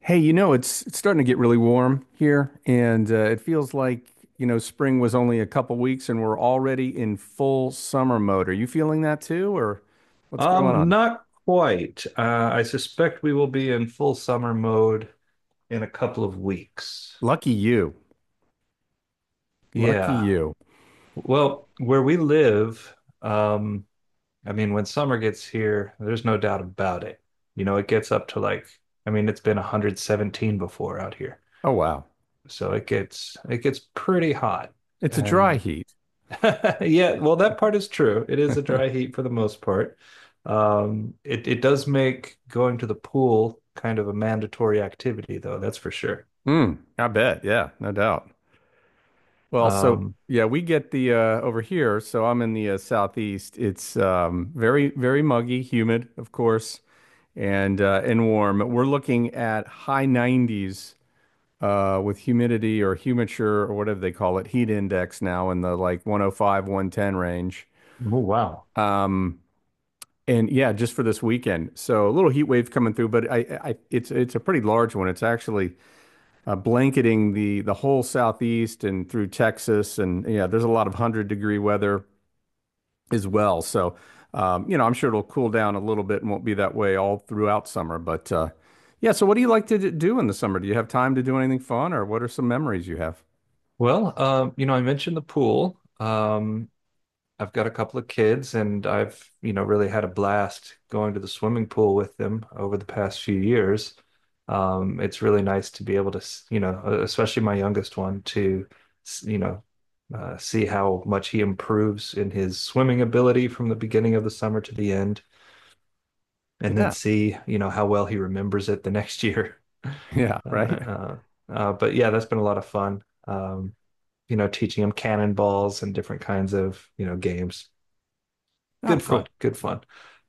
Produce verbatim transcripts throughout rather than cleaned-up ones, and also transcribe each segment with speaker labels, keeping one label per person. Speaker 1: Hey, you know, it's it's starting to get really warm here, and uh, it feels like, you know, spring was only a couple weeks and we're already in full summer mode. Are you feeling that too, or what's going
Speaker 2: Um,
Speaker 1: on?
Speaker 2: not quite. Uh, I suspect we will be in full summer mode in a couple of weeks.
Speaker 1: Lucky you. Lucky
Speaker 2: Yeah.
Speaker 1: you.
Speaker 2: Well, where we live, um, I mean, when summer gets here, there's no doubt about it. You know, it gets up to like, I mean, it's been one hundred seventeen before out here.
Speaker 1: Oh, wow.
Speaker 2: So it gets it gets pretty hot.
Speaker 1: It's a dry
Speaker 2: And
Speaker 1: heat.
Speaker 2: Yeah, well, that part is true. It is a dry heat for the most part. Um, it it does make going to the pool kind of a mandatory activity, though, that's for sure.
Speaker 1: Mm, I bet. Yeah, no doubt. Well, so
Speaker 2: Um,
Speaker 1: yeah, we get the uh, over here. So I'm in the uh, southeast. It's um, very, very muggy, humid, of course, and uh, and warm. We're looking at high nineties uh, with humidity or humiture or whatever they call it, heat index now in the, like, one oh five, one ten range.
Speaker 2: Oh, wow.
Speaker 1: Um, and yeah, just for this weekend. So a little heat wave coming through, but I, I it's it's a pretty large one. It's actually uh, blanketing the the whole southeast and through Texas, and yeah, there's a lot of hundred degree weather as well. So um, you know, I'm sure it'll cool down a little bit and won't be that way all throughout summer. But uh, yeah, so what do you like to d- do in the summer? Do you have time to do anything fun, or what are some memories you have?
Speaker 2: Well, um, you know, I mentioned the pool. Um, I've got a couple of kids and I've, you know, really had a blast going to the swimming pool with them over the past few years. Um, it's really nice to be able to, s- you know, uh, especially my youngest one to, s- you know, uh, see how much he improves in his swimming ability from the beginning of the summer to the end, and then
Speaker 1: Yeah.
Speaker 2: see, you know, how well he remembers it the next year.
Speaker 1: Yeah,
Speaker 2: Uh,
Speaker 1: right.
Speaker 2: uh, uh, but yeah, that's been a lot of fun. Um, you know, teaching him cannonballs and different kinds of, you know, games,
Speaker 1: Oh,
Speaker 2: good
Speaker 1: cool.
Speaker 2: fun, good fun.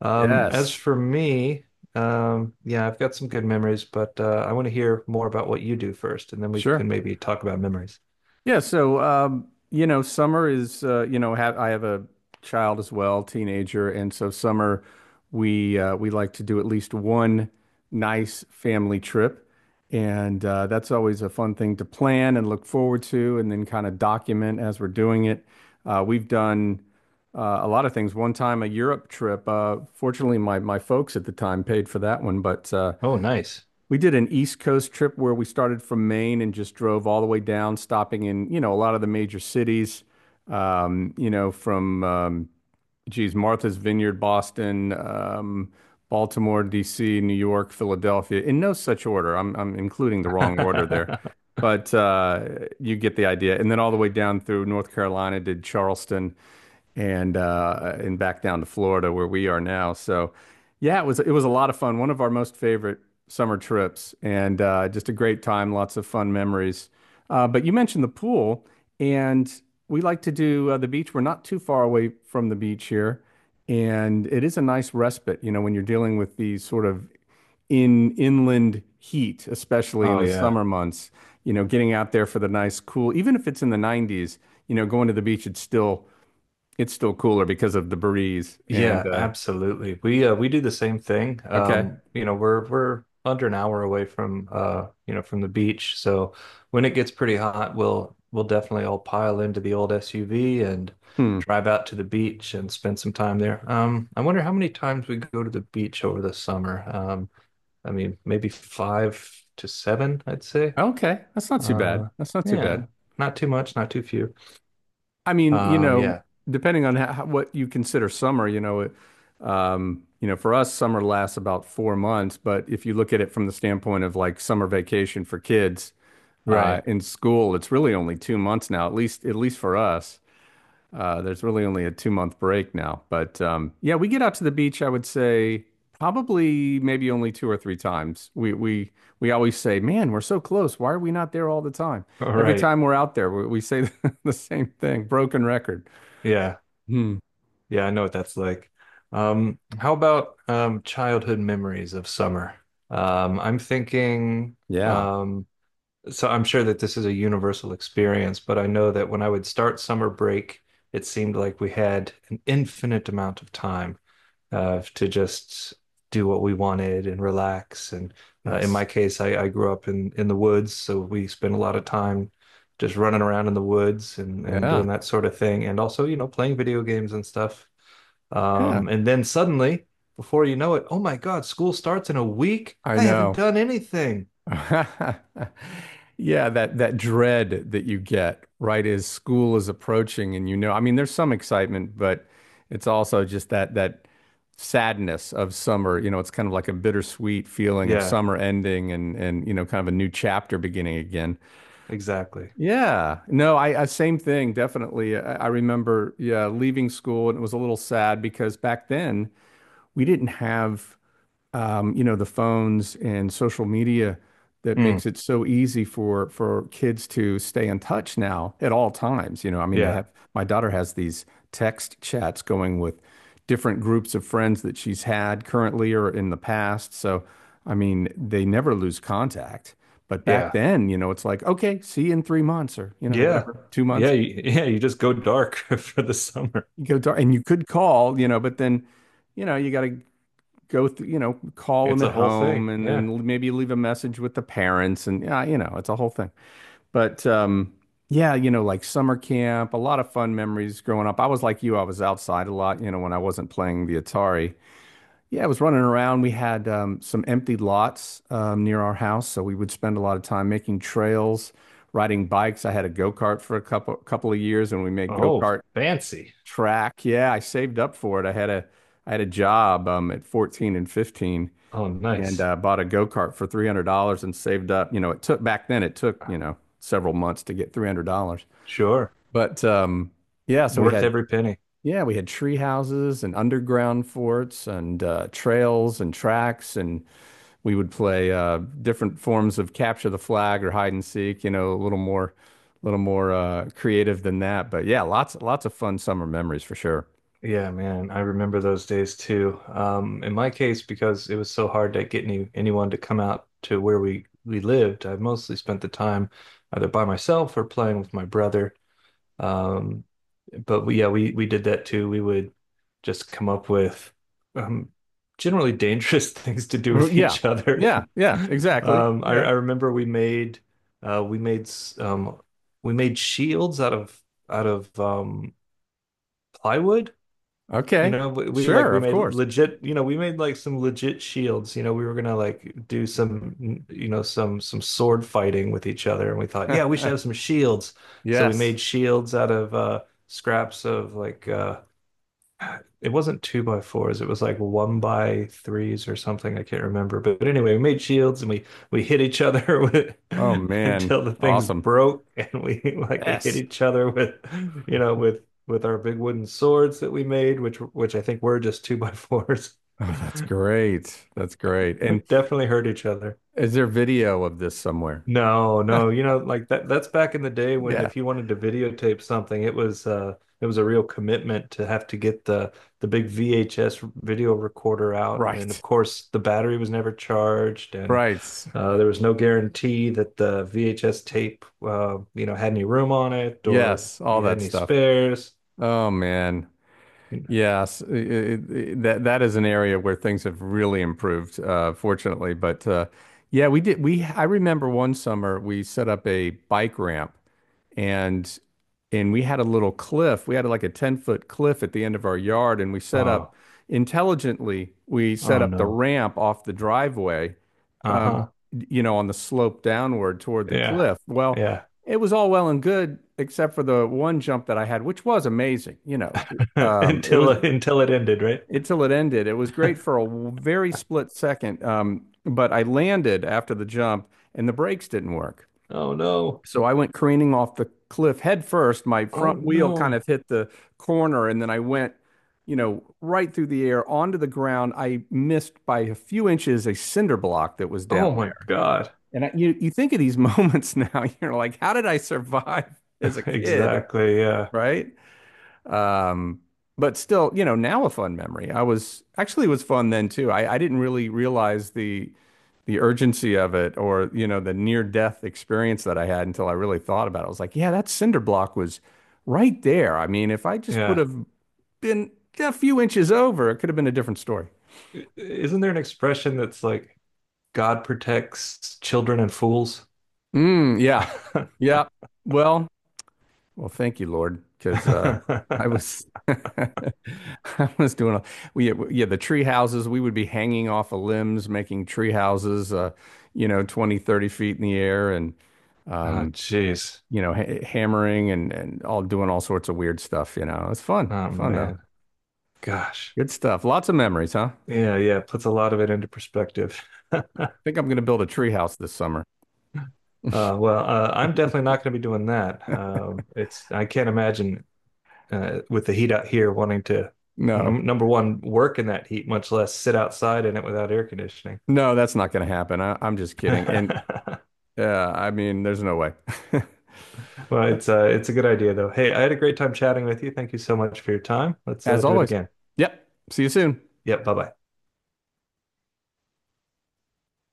Speaker 2: Um, as
Speaker 1: Yes,
Speaker 2: for me, um, yeah, I've got some good memories, but uh, I want to hear more about what you do first, and then we
Speaker 1: sure.
Speaker 2: can maybe talk about memories.
Speaker 1: Yeah, so um, you know, summer is uh, you know, have I have a child as well, teenager, and so summer we uh, we like to do at least one nice family trip, and uh, that's always a fun thing to plan and look forward to, and then kind of document as we're doing it. Uh, we've done uh, a lot of things. One time, a Europe trip. Uh, fortunately, my my folks at the time paid for that one, but uh,
Speaker 2: Oh, nice.
Speaker 1: we did an East Coast trip where we started from Maine and just drove all the way down, stopping in, you know, a lot of the major cities, um, you know, from, um, geez, Martha's Vineyard, Boston, um, Baltimore, D C, New York, Philadelphia, in no such order. I'm, I'm including the wrong order there. But uh, you get the idea. And then all the way down through North Carolina, did Charleston, and uh, and back down to Florida where we are now. So yeah, it was it was a lot of fun. One of our most favorite summer trips, and uh, just a great time. Lots of fun memories. Uh, but you mentioned the pool, and we like to do uh, the beach. We're not too far away from the beach here, and it is a nice respite. You know, when you're dealing with these sort of in inland heat, especially
Speaker 2: Oh,
Speaker 1: in the
Speaker 2: yeah.
Speaker 1: summer months. You know, getting out there for the nice cool, even if it's in the nineties. You know, going to the beach, it's still it's still cooler because of the breeze. And
Speaker 2: Yeah,
Speaker 1: uh,
Speaker 2: absolutely. We uh, we do the same thing.
Speaker 1: Okay,
Speaker 2: Um, you know, we're we're under an hour away from uh, you know, from the beach. So when it gets pretty hot, we'll we'll definitely all pile into the old S U V and
Speaker 1: hmm,
Speaker 2: drive out to the beach and spend some time there. Um, I wonder how many times we go to the beach over the summer. Um, I mean, maybe five to seven, I'd say.
Speaker 1: okay, that's not too bad.
Speaker 2: Uh,
Speaker 1: That's not too bad.
Speaker 2: yeah, not too much, not too few.
Speaker 1: I mean, you
Speaker 2: Uh,
Speaker 1: know,
Speaker 2: yeah,
Speaker 1: depending on how, what you consider summer, you know, it, um, you know, for us, summer lasts about four months. But if you look at it from the standpoint of, like, summer vacation for kids
Speaker 2: right,
Speaker 1: uh, in school, it's really only two months now, at least at least for us. Uh, there's really only a two month break now, but um, yeah, we get out to the beach. I would say probably maybe only two or three times. We we we always say, "Man, we're so close. Why are we not there all the time?" Every
Speaker 2: right,
Speaker 1: time we're out there, we, we say the same thing, broken record.
Speaker 2: yeah.
Speaker 1: Hmm.
Speaker 2: Yeah, I know what that's like. Um, how about um, childhood memories of summer? Um, I'm thinking,
Speaker 1: Yeah.
Speaker 2: um, so I'm sure that this is a universal experience, but I know that when I would start summer break, it seemed like we had an infinite amount of time uh, to just do what we wanted and relax. And uh, in
Speaker 1: Yes.
Speaker 2: my case, I, I grew up in in the woods, so we spent a lot of time just running around in the woods and and
Speaker 1: Yeah.
Speaker 2: doing that sort of thing, and also, you know, playing video games and stuff.
Speaker 1: Yeah.
Speaker 2: Um, and then suddenly, before you know it, oh my God, school starts in a week.
Speaker 1: I
Speaker 2: I haven't
Speaker 1: know.
Speaker 2: done anything.
Speaker 1: Yeah, that that dread that you get right as school is approaching, and, you know, I mean, there's some excitement, but it's also just that that sadness of summer. You know, it's kind of like a bittersweet feeling of
Speaker 2: Yeah,
Speaker 1: summer ending and and you know, kind of a new chapter beginning again.
Speaker 2: exactly.
Speaker 1: Yeah. No, I, I same thing, definitely. I, I remember, yeah, leaving school and it was a little sad because back then we didn't have, um, you know, the phones and social media that
Speaker 2: Mm,
Speaker 1: makes it so easy for for kids to stay in touch now at all times. You know, I mean, they
Speaker 2: yeah,
Speaker 1: have my daughter has these text chats going with different groups of friends that she's had currently or in the past. So, I mean, they never lose contact. But back
Speaker 2: yeah,
Speaker 1: then, you know, it's like, okay, see you in three months or, you know,
Speaker 2: yeah,
Speaker 1: whatever, two
Speaker 2: yeah,
Speaker 1: months.
Speaker 2: you- yeah. You just go dark for the summer.
Speaker 1: You go to, and you could call, you know, but then, you know, you got to go through, you know, call them
Speaker 2: It's
Speaker 1: at
Speaker 2: a whole thing.
Speaker 1: home and
Speaker 2: Yeah.
Speaker 1: then maybe leave a message with the parents, and yeah, you know, it's a whole thing. But um yeah, you know, like summer camp, a lot of fun memories growing up. I was like you, I was outside a lot, you know, when I wasn't playing the Atari. Yeah, I was running around. We had um, some empty lots um, near our house, so we would spend a lot of time making trails, riding bikes. I had a go-kart for a couple couple of years and we made
Speaker 2: Oh,
Speaker 1: go-kart
Speaker 2: fancy.
Speaker 1: track. Yeah, I saved up for it. I had a I had a job um, at fourteen and fifteen
Speaker 2: Oh,
Speaker 1: and
Speaker 2: nice.
Speaker 1: uh, bought a go kart for three hundred dollars and saved up. You know, it took back then it took you know several months to get three hundred dollars,
Speaker 2: Sure.
Speaker 1: but um, yeah. So we
Speaker 2: Worth
Speaker 1: had
Speaker 2: every penny.
Speaker 1: yeah we had tree houses and underground forts and uh, trails and tracks, and we would play uh, different forms of capture the flag or hide and seek. You know, a little more, a little more uh, creative than that. But yeah, lots lots of fun summer memories for sure.
Speaker 2: Yeah, man, I remember those days too. Um, in my case, because it was so hard to get any anyone to come out to where we we lived, I mostly spent the time either by myself or playing with my brother. Um, but we, yeah, we we did that too. We would just come up with um, generally dangerous things to do with
Speaker 1: Yeah,
Speaker 2: each other.
Speaker 1: yeah, yeah, exactly.
Speaker 2: Um, I,
Speaker 1: Yeah.
Speaker 2: I remember we made uh, we made s- um, we made shields out of out of um, plywood. You
Speaker 1: Okay.
Speaker 2: know, we, we like
Speaker 1: Sure,
Speaker 2: we
Speaker 1: of
Speaker 2: made
Speaker 1: course.
Speaker 2: legit, you know, we made like some legit shields. You know, we were gonna like do some, you know, some some sword fighting with each other, and we thought, yeah, we should have some shields. So we
Speaker 1: Yes.
Speaker 2: made shields out of uh scraps of like uh it wasn't two by fours, it was like one by threes or something. I can't remember. But, but anyway, we made shields and we we hit each other with
Speaker 1: Oh man.
Speaker 2: until the things
Speaker 1: Awesome.
Speaker 2: broke and we like we hit
Speaker 1: Yes.
Speaker 2: each other with, you know, with with our big wooden swords that we made, which which I think were just two by fours.
Speaker 1: Oh, that's great. That's great.
Speaker 2: We
Speaker 1: And
Speaker 2: definitely hurt each other.
Speaker 1: is there video of this somewhere?
Speaker 2: No, no, you know, like that that's back in the day when
Speaker 1: Yeah.
Speaker 2: if you wanted to videotape something, it was uh it was a real commitment to have to get the the big V H S video recorder out. And of
Speaker 1: Right.
Speaker 2: course, the battery was never charged and
Speaker 1: Right.
Speaker 2: uh, there was no guarantee that the V H S tape uh, you know, had any room on it or
Speaker 1: Yes. All
Speaker 2: you had
Speaker 1: that
Speaker 2: any
Speaker 1: stuff.
Speaker 2: spares.
Speaker 1: Oh man.
Speaker 2: You know,
Speaker 1: Yes, i- i- i- that that is an area where things have really improved, uh, fortunately. But uh, yeah, we did. We I remember one summer we set up a bike ramp, and and we had a little cliff. We had like a ten foot cliff at the end of our yard, and we set up
Speaker 2: oh,
Speaker 1: intelligently. We set
Speaker 2: oh
Speaker 1: up the
Speaker 2: no.
Speaker 1: ramp off the driveway, um,
Speaker 2: Uh-huh.
Speaker 1: you know, on the slope downward toward the
Speaker 2: Yeah.
Speaker 1: cliff. Well,
Speaker 2: Yeah.
Speaker 1: it was all well and good, except for the one jump that I had, which was amazing. You know, um, it
Speaker 2: Until
Speaker 1: was
Speaker 2: until it ended, right?
Speaker 1: until it ended. It was great for a w- very split second. Um, but I landed after the jump and the brakes didn't work.
Speaker 2: Oh no.
Speaker 1: So I went careening off the cliff head first. My
Speaker 2: Oh
Speaker 1: front wheel kind of
Speaker 2: no.
Speaker 1: hit the corner and then I went, you know, right through the air onto the ground. I missed by a few inches a cinder block that was down
Speaker 2: Oh my
Speaker 1: there.
Speaker 2: God.
Speaker 1: And I, you, you think of these moments now, you're like, how did I survive as a kid?
Speaker 2: Exactly. Yeah.
Speaker 1: Right? Um, but still, you know, now a fun memory. I was actually it was fun then too. I, I didn't really realize the the urgency of it or, you know, the near death experience that I had until I really thought about it. I was like, yeah, that cinder block was right there. I mean, if I just would
Speaker 2: Yeah.
Speaker 1: have been a few inches over, it could have been a different story.
Speaker 2: I- Isn't there an expression that's like God protects children and fools?
Speaker 1: Mm, yeah. Yeah. Well, Well, thank you, Lord, because uh, I was I was doing a, we yeah, the tree houses, we would be hanging off of limbs making tree houses, uh, you know twenty thirty feet in the air, and
Speaker 2: Oh,
Speaker 1: um,
Speaker 2: jeez.
Speaker 1: you know, ha hammering, and and all, doing all sorts of weird stuff. You know, it's fun
Speaker 2: Oh
Speaker 1: fun though,
Speaker 2: man. Gosh.
Speaker 1: good stuff, lots of memories, huh?
Speaker 2: Yeah, yeah. It puts a lot of it into perspective.
Speaker 1: Think I'm gonna build a tree house this summer.
Speaker 2: Uh, well, uh, I'm definitely not going to be doing that. Um, it's I can't imagine uh, with the heat out here wanting to
Speaker 1: No,
Speaker 2: num number one work in that heat, much less sit outside in it without air conditioning.
Speaker 1: no, that's not gonna happen. I, I'm just kidding, and uh, I mean, there's no way.
Speaker 2: Well, it's uh, it's a good idea though. Hey, I had a great time chatting with you. Thank you so much for your time. Let's uh,
Speaker 1: As
Speaker 2: do it
Speaker 1: always.
Speaker 2: again.
Speaker 1: Yep, see you soon.
Speaker 2: Yep, bye bye.